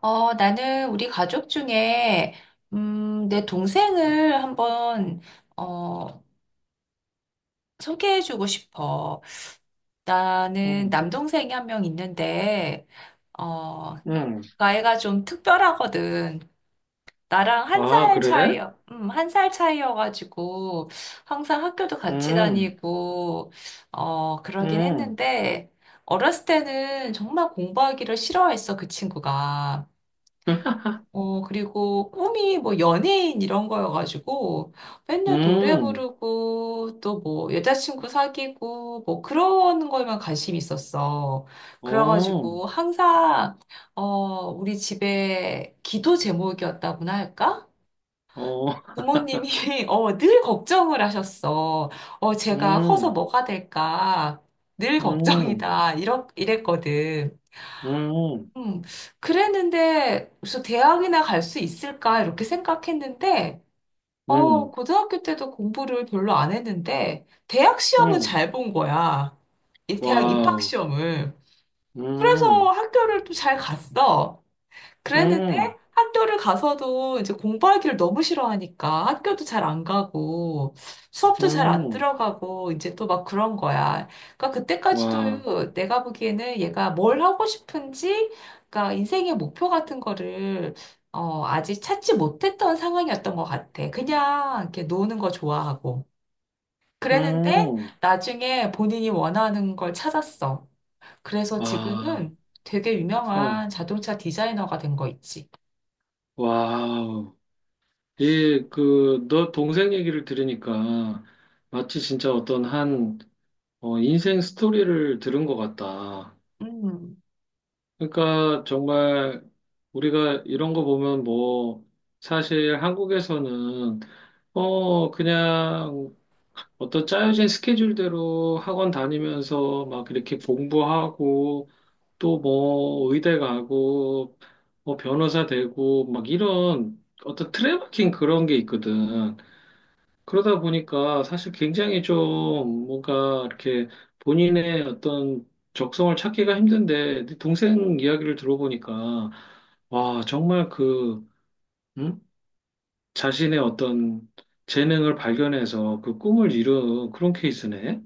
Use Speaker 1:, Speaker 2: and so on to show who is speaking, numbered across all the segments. Speaker 1: 나는 우리 가족 중에, 내 동생을 한번, 어, 소개해주고 싶어. 나는
Speaker 2: 음,
Speaker 1: 남동생이 한 명 있는데, 어, 그
Speaker 2: 음.
Speaker 1: 아이가 좀 특별하거든. 나랑 한
Speaker 2: 아,
Speaker 1: 살 차이,
Speaker 2: 그래?
Speaker 1: 한 살 차이여가지고, 항상 학교도 같이
Speaker 2: 음,
Speaker 1: 다니고,
Speaker 2: 음,
Speaker 1: 그러긴
Speaker 2: 음,
Speaker 1: 했는데, 어렸을 때는 정말 공부하기를 싫어했어, 그 친구가. 그리고 꿈이 뭐 연예인 이런 거여가지고 맨날 노래 부르고 또 뭐 여자친구 사귀고 뭐 그런 거에만 관심이 있었어.
Speaker 2: 어,
Speaker 1: 그래가지고 항상, 어, 우리 집에 기도 제목이었다고나 할까?
Speaker 2: 어,
Speaker 1: 부모님이 늘 걱정을 하셨어. 제가 커서
Speaker 2: 음,
Speaker 1: 뭐가 될까? 늘
Speaker 2: 음,
Speaker 1: 걱정이다. 이랬거든.
Speaker 2: 음,
Speaker 1: 음, 그랬는데, 그래서 대학이나 갈 수 있을까? 이렇게 생각했는데,
Speaker 2: 음,
Speaker 1: 고등학교 때도 공부를 별로 안 했는데, 대학 시험은
Speaker 2: 음,
Speaker 1: 잘 본 거야. 이 대학 입학
Speaker 2: 와우,
Speaker 1: 시험을. 그래서
Speaker 2: 음,
Speaker 1: 학교를 또 잘 갔어. 그랬는데
Speaker 2: 음,
Speaker 1: 학교를 가서도 이제 공부하기를 너무 싫어하니까 학교도 잘 안 가고 수업도 잘 안
Speaker 2: 음,
Speaker 1: 들어가고 이제 또 막 그런 거야. 그러니까
Speaker 2: 와우,
Speaker 1: 그때까지도 내가 보기에는 얘가 뭘 하고 싶은지, 그러니까 인생의 목표 같은 거를 아직 찾지 못했던 상황이었던 것 같아. 그냥 이렇게 노는 거 좋아하고. 그랬는데
Speaker 2: 음,
Speaker 1: 나중에 본인이 원하는 걸 찾았어. 그래서
Speaker 2: 아,
Speaker 1: 지금은 되게
Speaker 2: 어,
Speaker 1: 유명한 자동차 디자이너가 된 거 있지.
Speaker 2: 와우. 너 동생 얘기를 들으니까 마치 진짜 어떤 한, 인생 스토리를 들은 것 같다.
Speaker 1: 음,
Speaker 2: 그러니까 정말 우리가 이런 거 보면 뭐 사실 한국에서는 그냥 어떤 짜여진 스케줄대로 학원 다니면서 막 이렇게 공부하고 또 뭐 의대 가고 뭐 변호사 되고 막 이런 어떤 트래버킹 그런 게 있거든. 그러다 보니까 사실 굉장히 좀 뭔가 이렇게 본인의 어떤 적성을 찾기가 힘든데 네 동생 이야기를 들어보니까 와 정말 그 음? 자신의 어떤 재능을 발견해서 그 꿈을 이룬 그런 케이스네.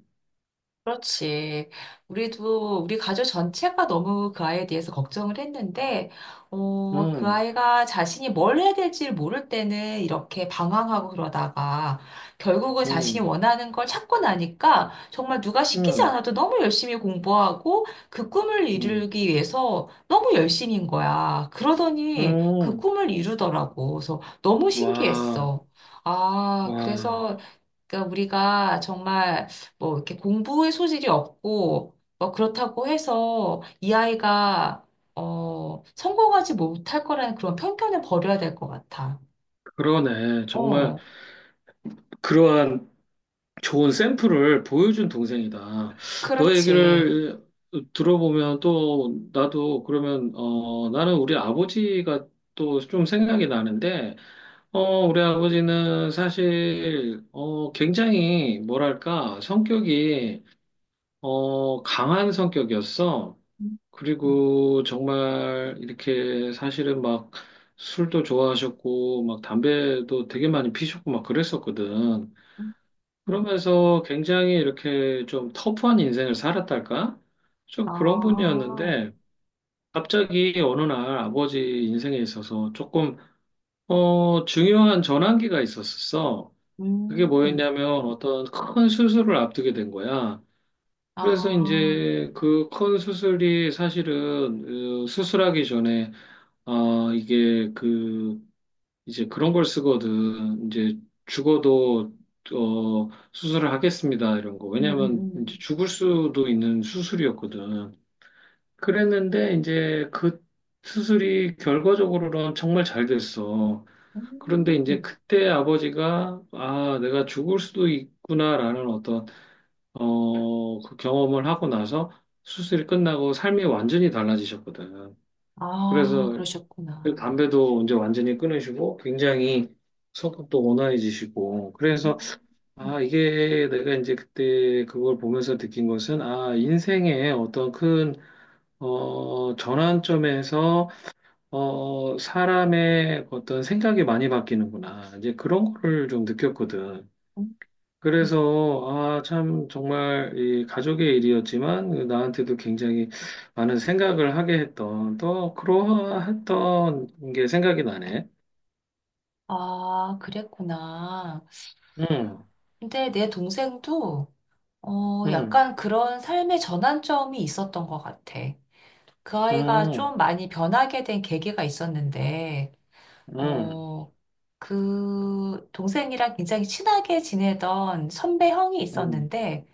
Speaker 1: 그렇지. 우리도 우리 가족 전체가 너무 그 아이에 대해서 걱정을 했는데, 그
Speaker 2: 음,
Speaker 1: 아이가 자신이 뭘 해야 될지 를 모를 때는 이렇게 방황하고 그러다가 결국은 자신이
Speaker 2: 음,
Speaker 1: 원하는 걸 찾고 나니까 정말 누가 시키지
Speaker 2: 음,
Speaker 1: 않아도 너무 열심히 공부하고 그 꿈을
Speaker 2: 음,
Speaker 1: 이루기 위해서 너무 열심인 거야. 그러더니 그
Speaker 2: 음.
Speaker 1: 꿈을 이루더라고. 그래서 너무
Speaker 2: 와,
Speaker 1: 신기했어. 아,
Speaker 2: 와,
Speaker 1: 그래서 그러니까 우리가 정말 뭐 이렇게 공부의 소질이 없고 뭐 그렇다고 해서 이 아이가 성공하지 못할 거라는 그런 편견을 버려야 될 것 같아.
Speaker 2: 그러네. 정말
Speaker 1: 어,
Speaker 2: 그러한 좋은 샘플을 보여준 동생이다. 너
Speaker 1: 그렇지.
Speaker 2: 얘기를 들어보면 또 나도 그러면 나는 우리 아버지가 또 좀 생각이 나는데 우리 아버지는 사실 굉장히 뭐랄까 성격이 강한 성격이었어.
Speaker 1: 음, 음,
Speaker 2: 그리고 정말 이렇게 사실은 막 술도 좋아하셨고 막 담배도 되게 많이 피셨고 막 그랬었거든.
Speaker 1: 음.
Speaker 2: 그러면서 굉장히 이렇게 좀 터프한 인생을 살았달까? 좀 그런
Speaker 1: 아,
Speaker 2: 분이었는데, 갑자기 어느 날 아버지 인생에 있어서 조금, 중요한 전환기가 있었어. 그게
Speaker 1: 음,
Speaker 2: 뭐였냐면 어떤 큰 수술을 앞두게 된 거야. 그래서
Speaker 1: 아,
Speaker 2: 이제 그 큰 수술이 사실은 수술하기 전에, 이게 그 이제 그런 걸 쓰거든. 이제 죽어도 수술을 하겠습니다. 이런 거.
Speaker 1: 음,
Speaker 2: 왜냐면 이제
Speaker 1: 음,
Speaker 2: 죽을 수도 있는 수술이었거든. 그랬는데 이제 그 수술이 결과적으로는 정말 잘 됐어.
Speaker 1: 음,
Speaker 2: 그런데 이제
Speaker 1: 음.
Speaker 2: 그때 아버지가 아, 내가 죽을 수도 있구나라는 어떤 그 경험을 하고 나서 수술이 끝나고 삶이 완전히 달라지셨거든.
Speaker 1: 아,
Speaker 2: 그래서 그리고
Speaker 1: 그러셨구나.
Speaker 2: 담배도 이제 완전히 끊으시고 굉장히 성격도 온화해지시고 그래서
Speaker 1: 음, 음,
Speaker 2: 아 이게 내가 이제 그때 그걸 보면서 느낀 것은 아 인생의 어떤 큰 전환점에서 사람의 어떤 생각이 많이 바뀌는구나 이제 그런 거를 좀 느꼈거든.
Speaker 1: 음.
Speaker 2: 그래서 아 참 정말 이 가족의 일이었지만 나한테도 굉장히 많은 생각을 하게 했던 또 그러했던 게 생각이 나네.
Speaker 1: 아, 그랬구나.
Speaker 2: 음,
Speaker 1: 근데 내 동생도
Speaker 2: 음,
Speaker 1: 약간 그런 삶의 전환점이 있었던 것 같아. 그 아이가
Speaker 2: 음,
Speaker 1: 좀 많이 변하게 된 계기가 있었는데,
Speaker 2: 음,
Speaker 1: 어, 그 동생이랑 굉장히 친하게 지내던 선배 형이
Speaker 2: 음,
Speaker 1: 있었는데,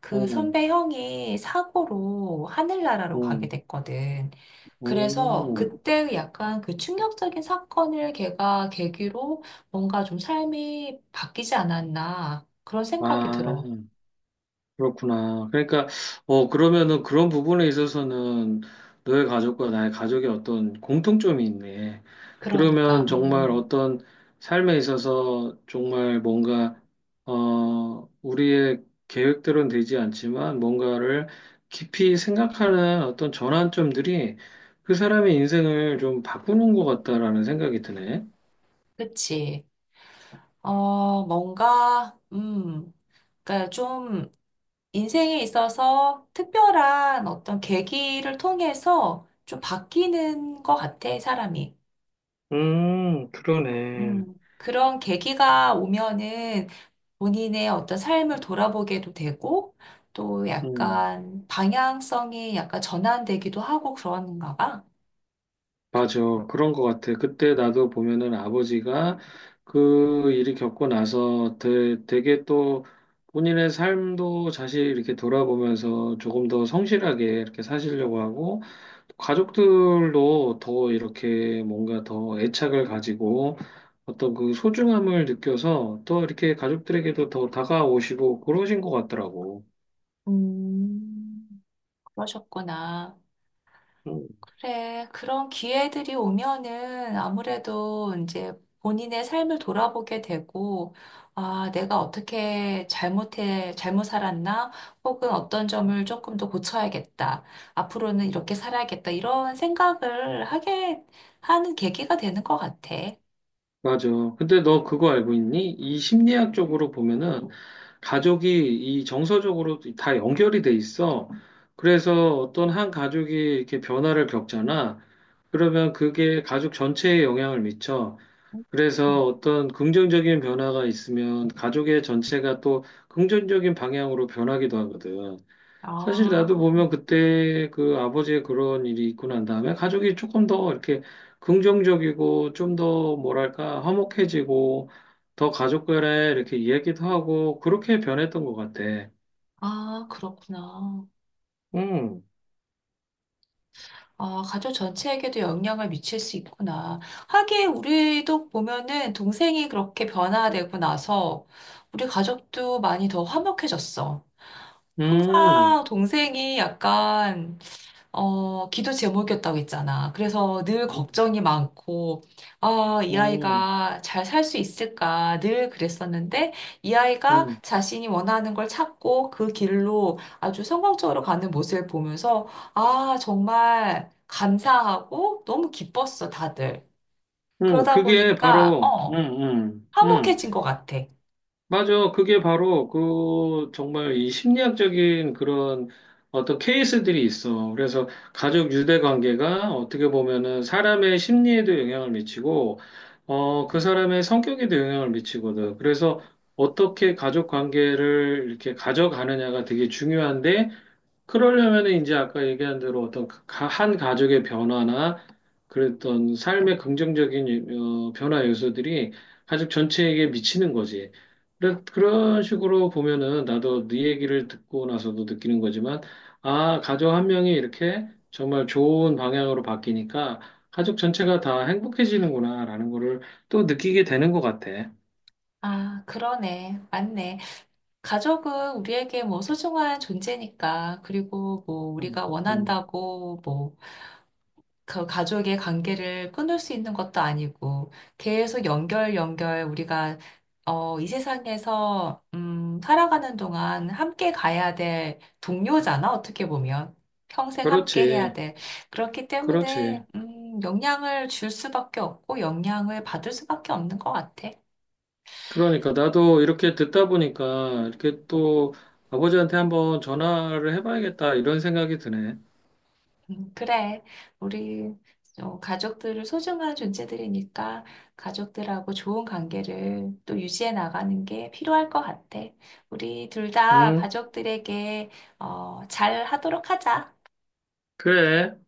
Speaker 1: 그
Speaker 2: 음,
Speaker 1: 선배 형이 사고로 하늘나라로 가게
Speaker 2: 음,
Speaker 1: 됐거든. 그래서
Speaker 2: 음.
Speaker 1: 그때 약간 그 충격적인 사건을 걔가 계기로 뭔가 좀 삶이 바뀌지 않았나 그런 생각이
Speaker 2: 아.
Speaker 1: 들어.
Speaker 2: 그렇구나. 그러니까, 그러면은 그런 부분에 있어서는 너의 가족과 나의 가족의 어떤 공통점이 있네.
Speaker 1: 그러니까,
Speaker 2: 그러면 정말 어떤 삶에 있어서 정말 뭔가, 우리의 계획대로는 되지 않지만 뭔가를 깊이 생각하는 어떤 전환점들이 그 사람의 인생을 좀 바꾸는 것 같다라는 생각이 드네.
Speaker 1: 그치. 어, 뭔가, 음, 그러니까 좀 인생에 있어서 특별한 어떤 계기를 통해서 좀 바뀌는 것 같아, 사람이.
Speaker 2: 그러네.
Speaker 1: 그런 계기가 오면은 본인의 어떤 삶을 돌아보게도 되고, 또
Speaker 2: 음.
Speaker 1: 약간 방향성이 약간 전환되기도 하고 그런가 봐.
Speaker 2: 맞아. 그런 것 같아. 그때 나도 보면은 아버지가 그 일이 겪고 나서 되게 또 본인의 삶도 다시 이렇게 돌아보면서 조금 더 성실하게 이렇게 사시려고 하고 가족들도 더 이렇게 뭔가 더 애착을 가지고 어떤 그 소중함을 느껴서 또 이렇게 가족들에게도 더 다가오시고 그러신 것 같더라고.
Speaker 1: 음, 그러셨구나.
Speaker 2: 응.
Speaker 1: 그래, 그런 기회들이 오면은 아무래도 이제 본인의 삶을 돌아보게 되고, 아, 내가 잘못 살았나? 혹은 어떤 점을 조금 더 고쳐야겠다. 앞으로는 이렇게 살아야겠다. 이런 생각을 하게 하는 계기가 되는 것 같아.
Speaker 2: 맞아. 근데 너 그거 알고 있니? 이 심리학 쪽으로 보면은 가족이 이 정서적으로 다 연결이 돼 있어. 그래서 어떤 한 가족이 이렇게 변화를 겪잖아. 그러면 그게 가족 전체에 영향을 미쳐.
Speaker 1: 음.
Speaker 2: 그래서 어떤 긍정적인 변화가 있으면 가족의 전체가 또 긍정적인 방향으로 변하기도 하거든. 사실 나도
Speaker 1: 아,
Speaker 2: 보면 그때 그 아버지의 그런 일이 있고 난 다음에 가족이 조금 더 이렇게 긍정적이고 좀 더 뭐랄까 화목해지고 더 가족 간에 이렇게 이야기도 하고 그렇게 변했던 것 같아.
Speaker 1: 아, 그렇구나.
Speaker 2: 음,
Speaker 1: 아, 가족 전체에게도 영향을 미칠 수 있구나. 하긴 우리도 보면은 동생이 그렇게 변화되고 나서 우리 가족도 많이 더 화목해졌어.
Speaker 2: 음,
Speaker 1: 항상 동생이 약간 기도 제목이었다고 했잖아. 그래서 늘 걱정이 많고, 아, 이
Speaker 2: 음,
Speaker 1: 아이가 잘 살 수 있을까 늘 그랬었는데, 이 아이가
Speaker 2: 음,
Speaker 1: 자신이 원하는 걸 찾고 그 길로 아주 성공적으로 가는 모습을 보면서, 아, 정말 감사하고 너무 기뻤어, 다들.
Speaker 2: 음.
Speaker 1: 그러다
Speaker 2: 그게
Speaker 1: 보니까,
Speaker 2: 바로, 음, 음, 음.
Speaker 1: 화목해진 것 같아.
Speaker 2: 맞아. 그게 바로 그 정말 이 심리학적인 그런 어떤 케이스들이 있어. 그래서 가족 유대 관계가 어떻게 보면은 사람의 심리에도 영향을 미치고, 그 사람의 성격에도 영향을 미치거든. 그래서 어떻게 가족 관계를 이렇게 가져가느냐가 되게 중요한데, 그러려면 이제 아까 얘기한 대로 어떤 한 가족의 변화나 그랬던 삶의 긍정적인 변화 요소들이 가족 전체에게 미치는 거지. 그런 식으로 보면은 나도 네 얘기를 듣고 나서도 느끼는 거지만, 아, 가족 한 명이 이렇게 정말 좋은 방향으로 바뀌니까 가족 전체가 다 행복해지는구나라는 거를 또 느끼게 되는 것 같아.
Speaker 1: 아, 그러네. 맞네. 가족은 우리에게 뭐 소중한 존재니까, 그리고 뭐
Speaker 2: 음,
Speaker 1: 우리가
Speaker 2: 음.
Speaker 1: 원한다고 뭐 그 가족의 관계를 끊을 수 있는 것도 아니고 계속 연결 우리가 이 세상에서 살아가는 동안 함께 가야 될 동료잖아, 어떻게 보면 평생 함께 해야
Speaker 2: 그렇지,
Speaker 1: 돼. 그렇기
Speaker 2: 그렇지.
Speaker 1: 때문에 영향을 줄 수밖에 없고 영향을 받을 수밖에 없는 것 같아.
Speaker 2: 그러니까 나도 이렇게 듣다 보니까 이렇게 또 아버지한테 한번 전화를 해봐야겠다 이런 생각이 드네.
Speaker 1: 그래. 우리 가족들을 소중한 존재들이니까 가족들하고 좋은 관계를 또 유지해 나가는 게 필요할 것 같아. 우리 둘 다
Speaker 2: 응,
Speaker 1: 가족들에게 잘 하도록 하자.
Speaker 2: 그래.